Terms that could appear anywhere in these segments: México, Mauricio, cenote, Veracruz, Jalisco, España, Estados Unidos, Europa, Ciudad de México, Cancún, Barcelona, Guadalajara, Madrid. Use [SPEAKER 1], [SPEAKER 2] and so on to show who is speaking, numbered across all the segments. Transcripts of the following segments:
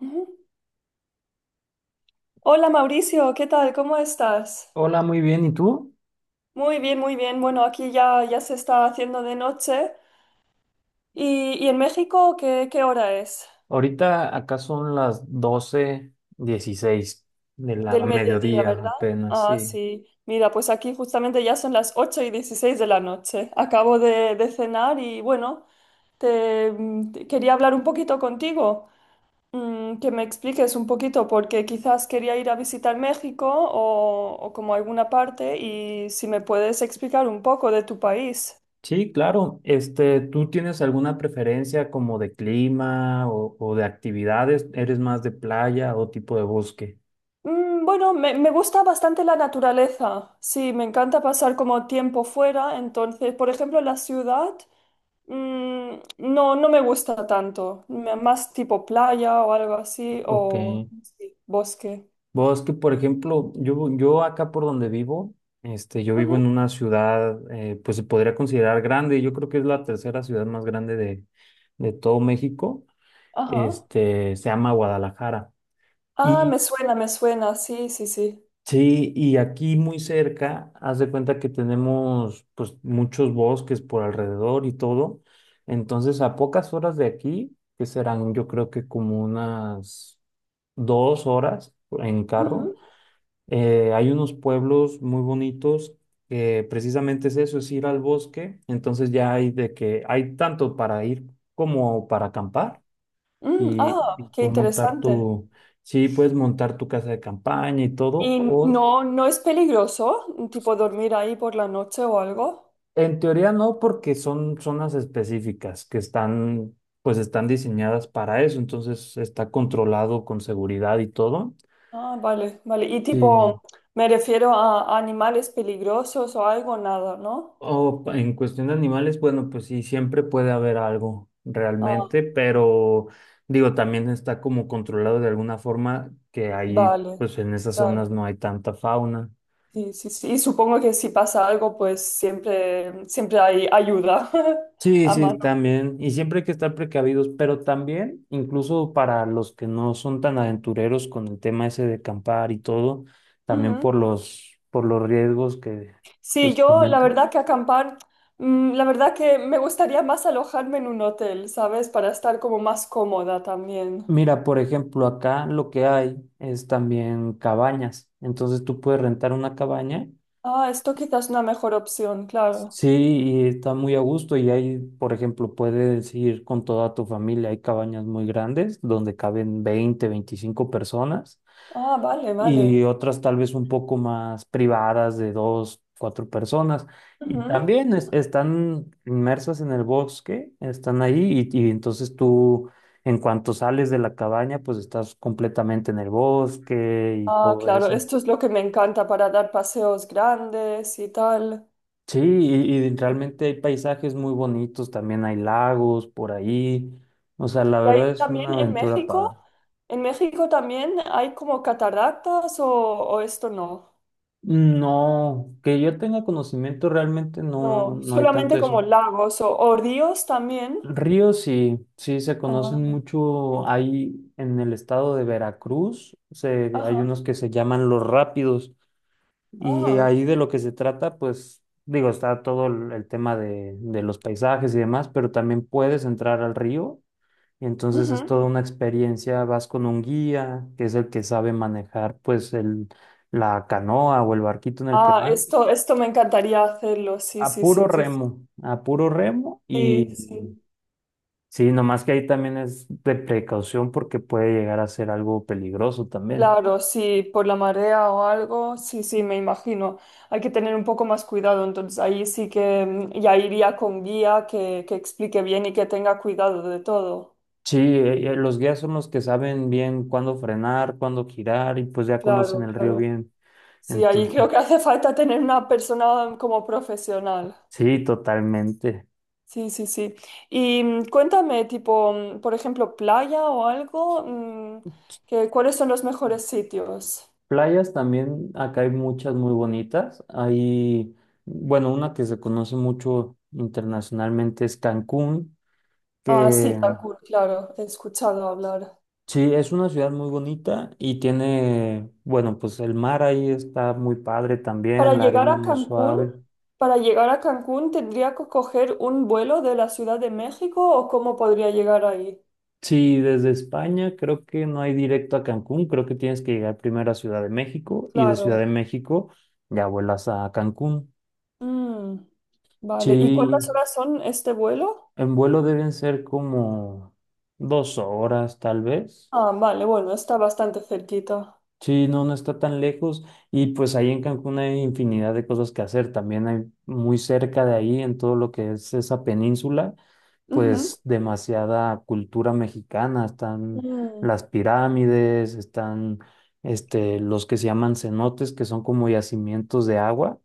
[SPEAKER 1] Ujú. Hola Mauricio, ¿qué tal? ¿Cómo estás?
[SPEAKER 2] Hola, muy bien. ¿Y tú?
[SPEAKER 1] Muy bien, muy bien. Bueno, aquí ya se está haciendo de noche. ¿Y en México qué hora es?
[SPEAKER 2] Ahorita acá son las 12:16 de la
[SPEAKER 1] Del mediodía,
[SPEAKER 2] mediodía
[SPEAKER 1] ¿verdad?
[SPEAKER 2] apenas,
[SPEAKER 1] Ah,
[SPEAKER 2] sí.
[SPEAKER 1] sí. Mira, pues aquí justamente ya son las 8:16 de la noche. Acabo de cenar y bueno, te quería hablar un poquito contigo, que me expliques un poquito, porque quizás quería ir a visitar México o como alguna parte y si me puedes explicar un poco de tu país.
[SPEAKER 2] Sí, claro. Este, ¿tú tienes alguna preferencia como de clima o de actividades? ¿Eres más de playa o tipo de bosque?
[SPEAKER 1] Bueno, me gusta bastante la naturaleza. Sí, me encanta pasar como tiempo fuera. Entonces, por ejemplo, la ciudad, no me gusta tanto. Más tipo playa o algo así,
[SPEAKER 2] Ok.
[SPEAKER 1] o sí, bosque.
[SPEAKER 2] Bosque, por ejemplo, yo acá por donde vivo, este, yo vivo
[SPEAKER 1] Ujú,
[SPEAKER 2] en una ciudad, pues se podría considerar grande. Yo creo que es la tercera ciudad más grande de todo México.
[SPEAKER 1] ajá.
[SPEAKER 2] Este, se llama Guadalajara.
[SPEAKER 1] Ah, me
[SPEAKER 2] Y
[SPEAKER 1] suena, me suena. Sí, sí, sí.
[SPEAKER 2] sí, y aquí muy cerca, haz de cuenta que tenemos pues muchos bosques por alrededor y todo. Entonces, a pocas horas de aquí, que serán yo creo que como unas 2 horas en carro,
[SPEAKER 1] Ujú.
[SPEAKER 2] hay unos pueblos muy bonitos que precisamente es eso, es ir al bosque. Entonces ya hay de que hay tanto para ir como para acampar y
[SPEAKER 1] Ah, qué
[SPEAKER 2] tú montar
[SPEAKER 1] interesante.
[SPEAKER 2] tu... Sí, puedes montar tu casa de campaña y todo,
[SPEAKER 1] ¿Y
[SPEAKER 2] o.
[SPEAKER 1] no es peligroso, tipo dormir ahí por la noche o algo?
[SPEAKER 2] En teoría no, porque son zonas específicas que están, pues están diseñadas para eso, entonces está controlado con seguridad y todo.
[SPEAKER 1] Ah, vale, vale. Y
[SPEAKER 2] Sí.
[SPEAKER 1] tipo, me refiero a animales peligrosos o algo, nada, ¿no?
[SPEAKER 2] O en cuestión de animales, bueno, pues sí, siempre puede haber algo
[SPEAKER 1] Ah,
[SPEAKER 2] realmente, pero digo, también está como controlado de alguna forma que ahí,
[SPEAKER 1] vale,
[SPEAKER 2] pues en esas
[SPEAKER 1] claro.
[SPEAKER 2] zonas no hay tanta fauna.
[SPEAKER 1] Sí, sí, sí. Y supongo que si pasa algo, pues siempre, siempre hay ayuda
[SPEAKER 2] Sí,
[SPEAKER 1] a mano.
[SPEAKER 2] sí, también. Y siempre hay que estar precavidos, pero también, incluso para los que no son tan aventureros con el tema ese de acampar y todo, también
[SPEAKER 1] Ujú.
[SPEAKER 2] por los riesgos que
[SPEAKER 1] Sí,
[SPEAKER 2] pues
[SPEAKER 1] yo la
[SPEAKER 2] comenta.
[SPEAKER 1] verdad que acampar, la verdad que me gustaría más alojarme en un hotel, ¿sabes? Para estar como más cómoda también.
[SPEAKER 2] Mira, por ejemplo, acá lo que hay es también cabañas. Entonces tú puedes rentar una cabaña,
[SPEAKER 1] Ah, esto quizás es una mejor opción, claro.
[SPEAKER 2] sí, y está muy a gusto. Y ahí, por ejemplo, puedes ir con toda tu familia. Hay cabañas muy grandes donde caben 20, 25 personas
[SPEAKER 1] Ah, vale, vale.
[SPEAKER 2] y otras tal vez un poco más privadas de dos, cuatro personas. Y
[SPEAKER 1] Ujú.
[SPEAKER 2] también están inmersas en el bosque, están ahí y entonces tú en cuanto sales de la cabaña pues estás completamente en el bosque y
[SPEAKER 1] Ah,
[SPEAKER 2] todo
[SPEAKER 1] claro,
[SPEAKER 2] eso.
[SPEAKER 1] esto es lo que me encanta para dar paseos grandes y tal.
[SPEAKER 2] Sí, y realmente hay paisajes muy bonitos, también hay lagos por ahí. O sea, la
[SPEAKER 1] Y
[SPEAKER 2] verdad
[SPEAKER 1] ahí
[SPEAKER 2] es
[SPEAKER 1] también
[SPEAKER 2] una
[SPEAKER 1] en
[SPEAKER 2] aventura
[SPEAKER 1] México,
[SPEAKER 2] padre.
[SPEAKER 1] en México también hay como cataratas o esto no.
[SPEAKER 2] No, que yo tenga conocimiento realmente no,
[SPEAKER 1] No,
[SPEAKER 2] no hay
[SPEAKER 1] solamente
[SPEAKER 2] tanto
[SPEAKER 1] como
[SPEAKER 2] eso.
[SPEAKER 1] lagos o ríos también.
[SPEAKER 2] Ríos sí, sí se conocen
[SPEAKER 1] Ah,
[SPEAKER 2] mucho ahí en el estado de Veracruz. Hay
[SPEAKER 1] ajá.
[SPEAKER 2] unos que se llaman los rápidos y
[SPEAKER 1] Ah,
[SPEAKER 2] ahí de lo que se trata, pues digo, está todo el tema de los paisajes y demás, pero también puedes entrar al río y entonces es
[SPEAKER 1] ujú.
[SPEAKER 2] toda una experiencia. Vas con un guía que es el que sabe manejar pues el, la canoa o el barquito en el que
[SPEAKER 1] Ah,
[SPEAKER 2] van.
[SPEAKER 1] esto me encantaría hacerlo. Sí,
[SPEAKER 2] A
[SPEAKER 1] sí,
[SPEAKER 2] puro
[SPEAKER 1] sí, sí,
[SPEAKER 2] remo, a puro remo y
[SPEAKER 1] sí, sí,
[SPEAKER 2] mm.
[SPEAKER 1] sí.
[SPEAKER 2] Sí, nomás que ahí también es de precaución porque puede llegar a ser algo peligroso también.
[SPEAKER 1] Claro, sí, por la marea o algo, sí, sí, me imagino. Hay que tener un poco más cuidado, entonces ahí sí que ya iría con guía que explique bien y que tenga cuidado de todo.
[SPEAKER 2] Sí, los guías son los que saben bien cuándo frenar, cuándo girar y pues ya conocen
[SPEAKER 1] Claro,
[SPEAKER 2] el río
[SPEAKER 1] claro.
[SPEAKER 2] bien.
[SPEAKER 1] Sí, ahí
[SPEAKER 2] Entonces,
[SPEAKER 1] creo que hace falta tener una persona como profesional.
[SPEAKER 2] sí, totalmente.
[SPEAKER 1] Sí, sí, sí. Y cuéntame, tipo, por ejemplo, playa o algo, que, ¿cuáles son los mejores sitios?
[SPEAKER 2] Playas también, acá hay muchas muy bonitas. Hay, bueno, una que se conoce mucho internacionalmente es Cancún,
[SPEAKER 1] Ah, sí,
[SPEAKER 2] que.
[SPEAKER 1] Cancún, claro, he escuchado hablar.
[SPEAKER 2] Sí, es una ciudad muy bonita y tiene, bueno, pues el mar ahí está muy padre
[SPEAKER 1] Para
[SPEAKER 2] también, la
[SPEAKER 1] llegar
[SPEAKER 2] arena
[SPEAKER 1] a
[SPEAKER 2] muy
[SPEAKER 1] Cancún,
[SPEAKER 2] suave.
[SPEAKER 1] para llegar a Cancún tendría que coger un vuelo de la Ciudad de México o cómo podría llegar ahí.
[SPEAKER 2] Sí, desde España creo que no hay directo a Cancún, creo que tienes que llegar primero a Ciudad de México y de Ciudad
[SPEAKER 1] Claro.
[SPEAKER 2] de México ya vuelas a Cancún.
[SPEAKER 1] Mm, vale. ¿Y cuántas
[SPEAKER 2] Sí,
[SPEAKER 1] horas son este vuelo?
[SPEAKER 2] en vuelo deben ser como 2 horas tal vez.
[SPEAKER 1] Ah, vale, bueno, está bastante cerquita.
[SPEAKER 2] Sí, no, no está tan lejos y pues ahí en Cancún hay infinidad de cosas que hacer. También hay muy cerca de ahí, en todo lo que es esa península,
[SPEAKER 1] Ujú.
[SPEAKER 2] pues demasiada cultura mexicana. Están
[SPEAKER 1] Mm.
[SPEAKER 2] las pirámides, están este, los que se llaman cenotes, que son como yacimientos de agua,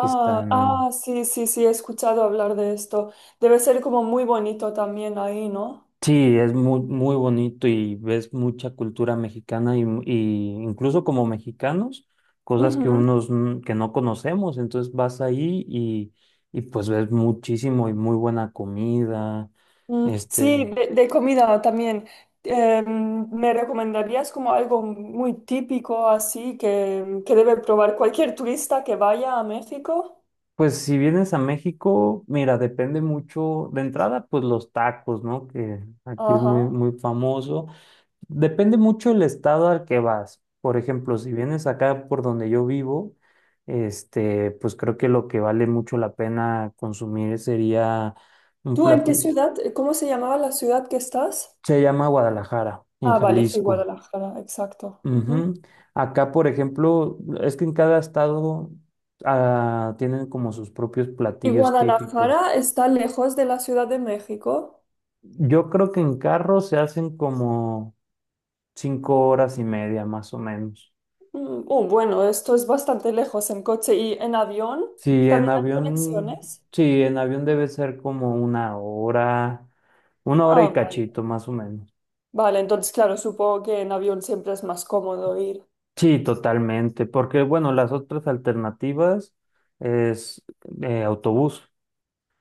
[SPEAKER 2] que están.
[SPEAKER 1] ah, sí, sí, sí, he escuchado hablar de esto. Debe ser como muy bonito también ahí, ¿no?
[SPEAKER 2] Sí, es muy, muy bonito y ves mucha cultura mexicana y incluso como mexicanos, cosas que
[SPEAKER 1] Ujú.
[SPEAKER 2] unos que no conocemos, entonces vas ahí y pues ves muchísimo y muy buena comida.
[SPEAKER 1] Mm, sí,
[SPEAKER 2] Este,
[SPEAKER 1] de comida también. ¿Me recomendarías como algo muy típico así que debe probar cualquier turista que vaya a México?
[SPEAKER 2] pues si vienes a México, mira, depende mucho de entrada, pues los tacos, ¿no? Que aquí es
[SPEAKER 1] Ajá.
[SPEAKER 2] muy, muy famoso. Depende mucho el estado al que vas. Por ejemplo, si vienes acá por donde yo vivo, este, pues creo que lo que vale mucho la pena consumir sería un
[SPEAKER 1] ¿Tú en qué
[SPEAKER 2] platillo.
[SPEAKER 1] ciudad? ¿Cómo se llamaba la ciudad que estás?
[SPEAKER 2] Se llama Guadalajara, en
[SPEAKER 1] Ah, vale, sí,
[SPEAKER 2] Jalisco.
[SPEAKER 1] Guadalajara, exacto. Ujú.
[SPEAKER 2] Ujú. Acá, por ejemplo, es que en cada estado ah, tienen como sus propios
[SPEAKER 1] ¿Y
[SPEAKER 2] platillos típicos.
[SPEAKER 1] Guadalajara está lejos de la Ciudad de México?
[SPEAKER 2] Yo creo que en carro se hacen como 5 horas y media, más o menos.
[SPEAKER 1] Oh, bueno, esto es bastante lejos en coche y en avión.
[SPEAKER 2] Sí, en
[SPEAKER 1] ¿También hay
[SPEAKER 2] avión,
[SPEAKER 1] conexiones?
[SPEAKER 2] sí, en avión debe ser como una hora
[SPEAKER 1] Ah,
[SPEAKER 2] y
[SPEAKER 1] vale.
[SPEAKER 2] cachito más o menos.
[SPEAKER 1] Vale, entonces, claro, supongo que en avión siempre es más cómodo ir.
[SPEAKER 2] Sí, totalmente, porque bueno, las otras alternativas es autobús,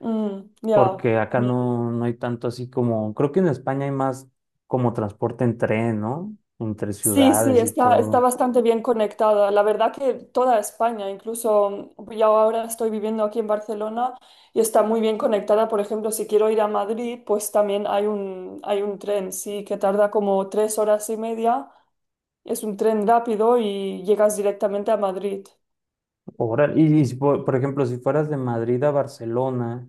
[SPEAKER 1] Mm, ya,
[SPEAKER 2] porque acá
[SPEAKER 1] también.
[SPEAKER 2] no, no hay tanto así como, creo que en España hay más como transporte en tren, ¿no? Entre
[SPEAKER 1] Sí, sí,
[SPEAKER 2] ciudades y
[SPEAKER 1] está
[SPEAKER 2] todo.
[SPEAKER 1] bastante bien conectada. La verdad que toda España, incluso yo ahora estoy viviendo aquí en Barcelona y está muy bien conectada. Por ejemplo, si quiero ir a Madrid, pues también hay un tren, sí, que tarda como 3 horas y media. Es un tren rápido y llegas directamente a Madrid.
[SPEAKER 2] Órale. Y si por, por ejemplo, si fueras de Madrid a Barcelona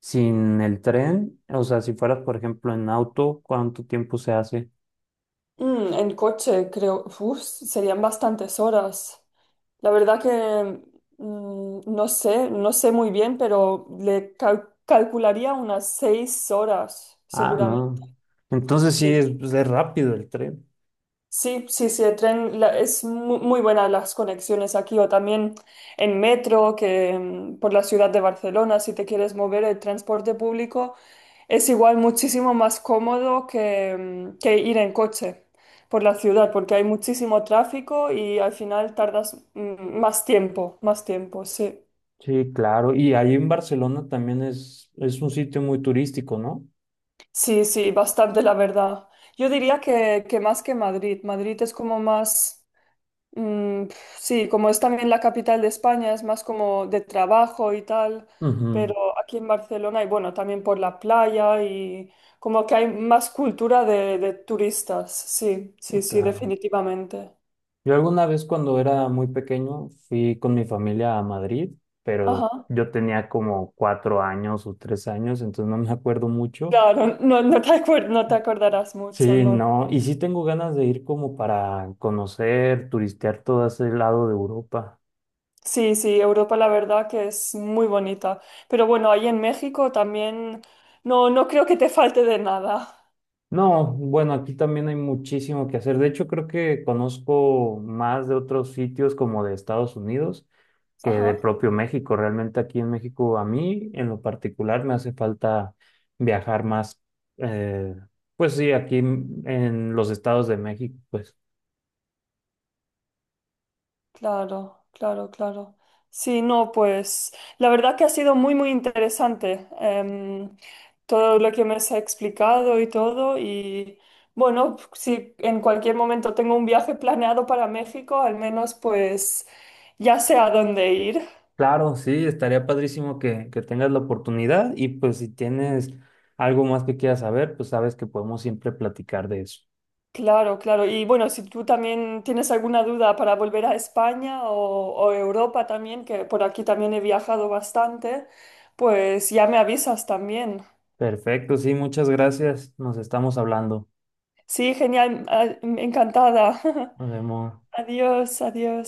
[SPEAKER 2] sin el tren, o sea, si fueras, por ejemplo, en auto, ¿cuánto tiempo se hace?
[SPEAKER 1] En coche, creo, uf, serían bastantes horas. La verdad que no sé, no sé muy bien, pero le calcularía unas 6 horas,
[SPEAKER 2] Ah,
[SPEAKER 1] seguramente.
[SPEAKER 2] no. Entonces sí,
[SPEAKER 1] Sí,
[SPEAKER 2] es, pues, es rápido el tren.
[SPEAKER 1] sí, sí, sí, el tren es muy, buena las conexiones aquí o también en metro, que por la ciudad de Barcelona, si te quieres mover, el transporte público es igual muchísimo más cómodo que ir en coche por la ciudad, porque hay muchísimo tráfico y al final tardas más tiempo, sí.
[SPEAKER 2] Sí, claro. Y ahí en Barcelona también es un sitio muy turístico, ¿no?
[SPEAKER 1] Sí, sí, bastante la verdad. Yo diría que más que Madrid. Madrid es como más, sí, como es también la capital de España, es más como de trabajo y tal,
[SPEAKER 2] Ujú.
[SPEAKER 1] pero aquí en Barcelona y bueno, también por la playa y como que hay más cultura de turistas. Sí, sí, sí,
[SPEAKER 2] Claro.
[SPEAKER 1] definitivamente.
[SPEAKER 2] Yo alguna vez cuando era muy pequeño fui con mi familia a Madrid,
[SPEAKER 1] Ajá.
[SPEAKER 2] pero yo tenía como 4 años o 3 años, entonces no me acuerdo mucho.
[SPEAKER 1] Claro, no, no te acordarás mucho,
[SPEAKER 2] Sí,
[SPEAKER 1] ¿no?
[SPEAKER 2] no, y sí tengo ganas de ir como para conocer, turistear todo ese lado de Europa.
[SPEAKER 1] Sí, sí, Europa la verdad que es muy bonita. Pero bueno, ahí en México también no creo que te falte de nada.
[SPEAKER 2] No, bueno, aquí también hay muchísimo que hacer. De hecho, creo que conozco más de otros sitios como de Estados Unidos que de
[SPEAKER 1] Ajá,
[SPEAKER 2] propio México. Realmente aquí en México, a mí en lo particular, me hace falta viajar más. Eh, pues sí, aquí en los estados de México, pues
[SPEAKER 1] claro, claro, claro. Sí, no, pues la verdad que ha sido muy, muy interesante todo lo que me has explicado y todo. Y bueno, si en cualquier momento tengo un viaje planeado para México, al menos pues ya sé a dónde ir.
[SPEAKER 2] claro, sí, estaría padrísimo que tengas la oportunidad y pues si tienes algo más que quieras saber, pues sabes que podemos siempre platicar de eso.
[SPEAKER 1] Claro, claro. Y bueno, si tú también tienes alguna duda para volver a España o Europa también, que por aquí también he viajado bastante, pues ya me avisas también.
[SPEAKER 2] Perfecto, sí, muchas gracias. Nos estamos hablando.
[SPEAKER 1] Sí, genial, ah, encantada.
[SPEAKER 2] Nos vemos.
[SPEAKER 1] Adiós, adiós.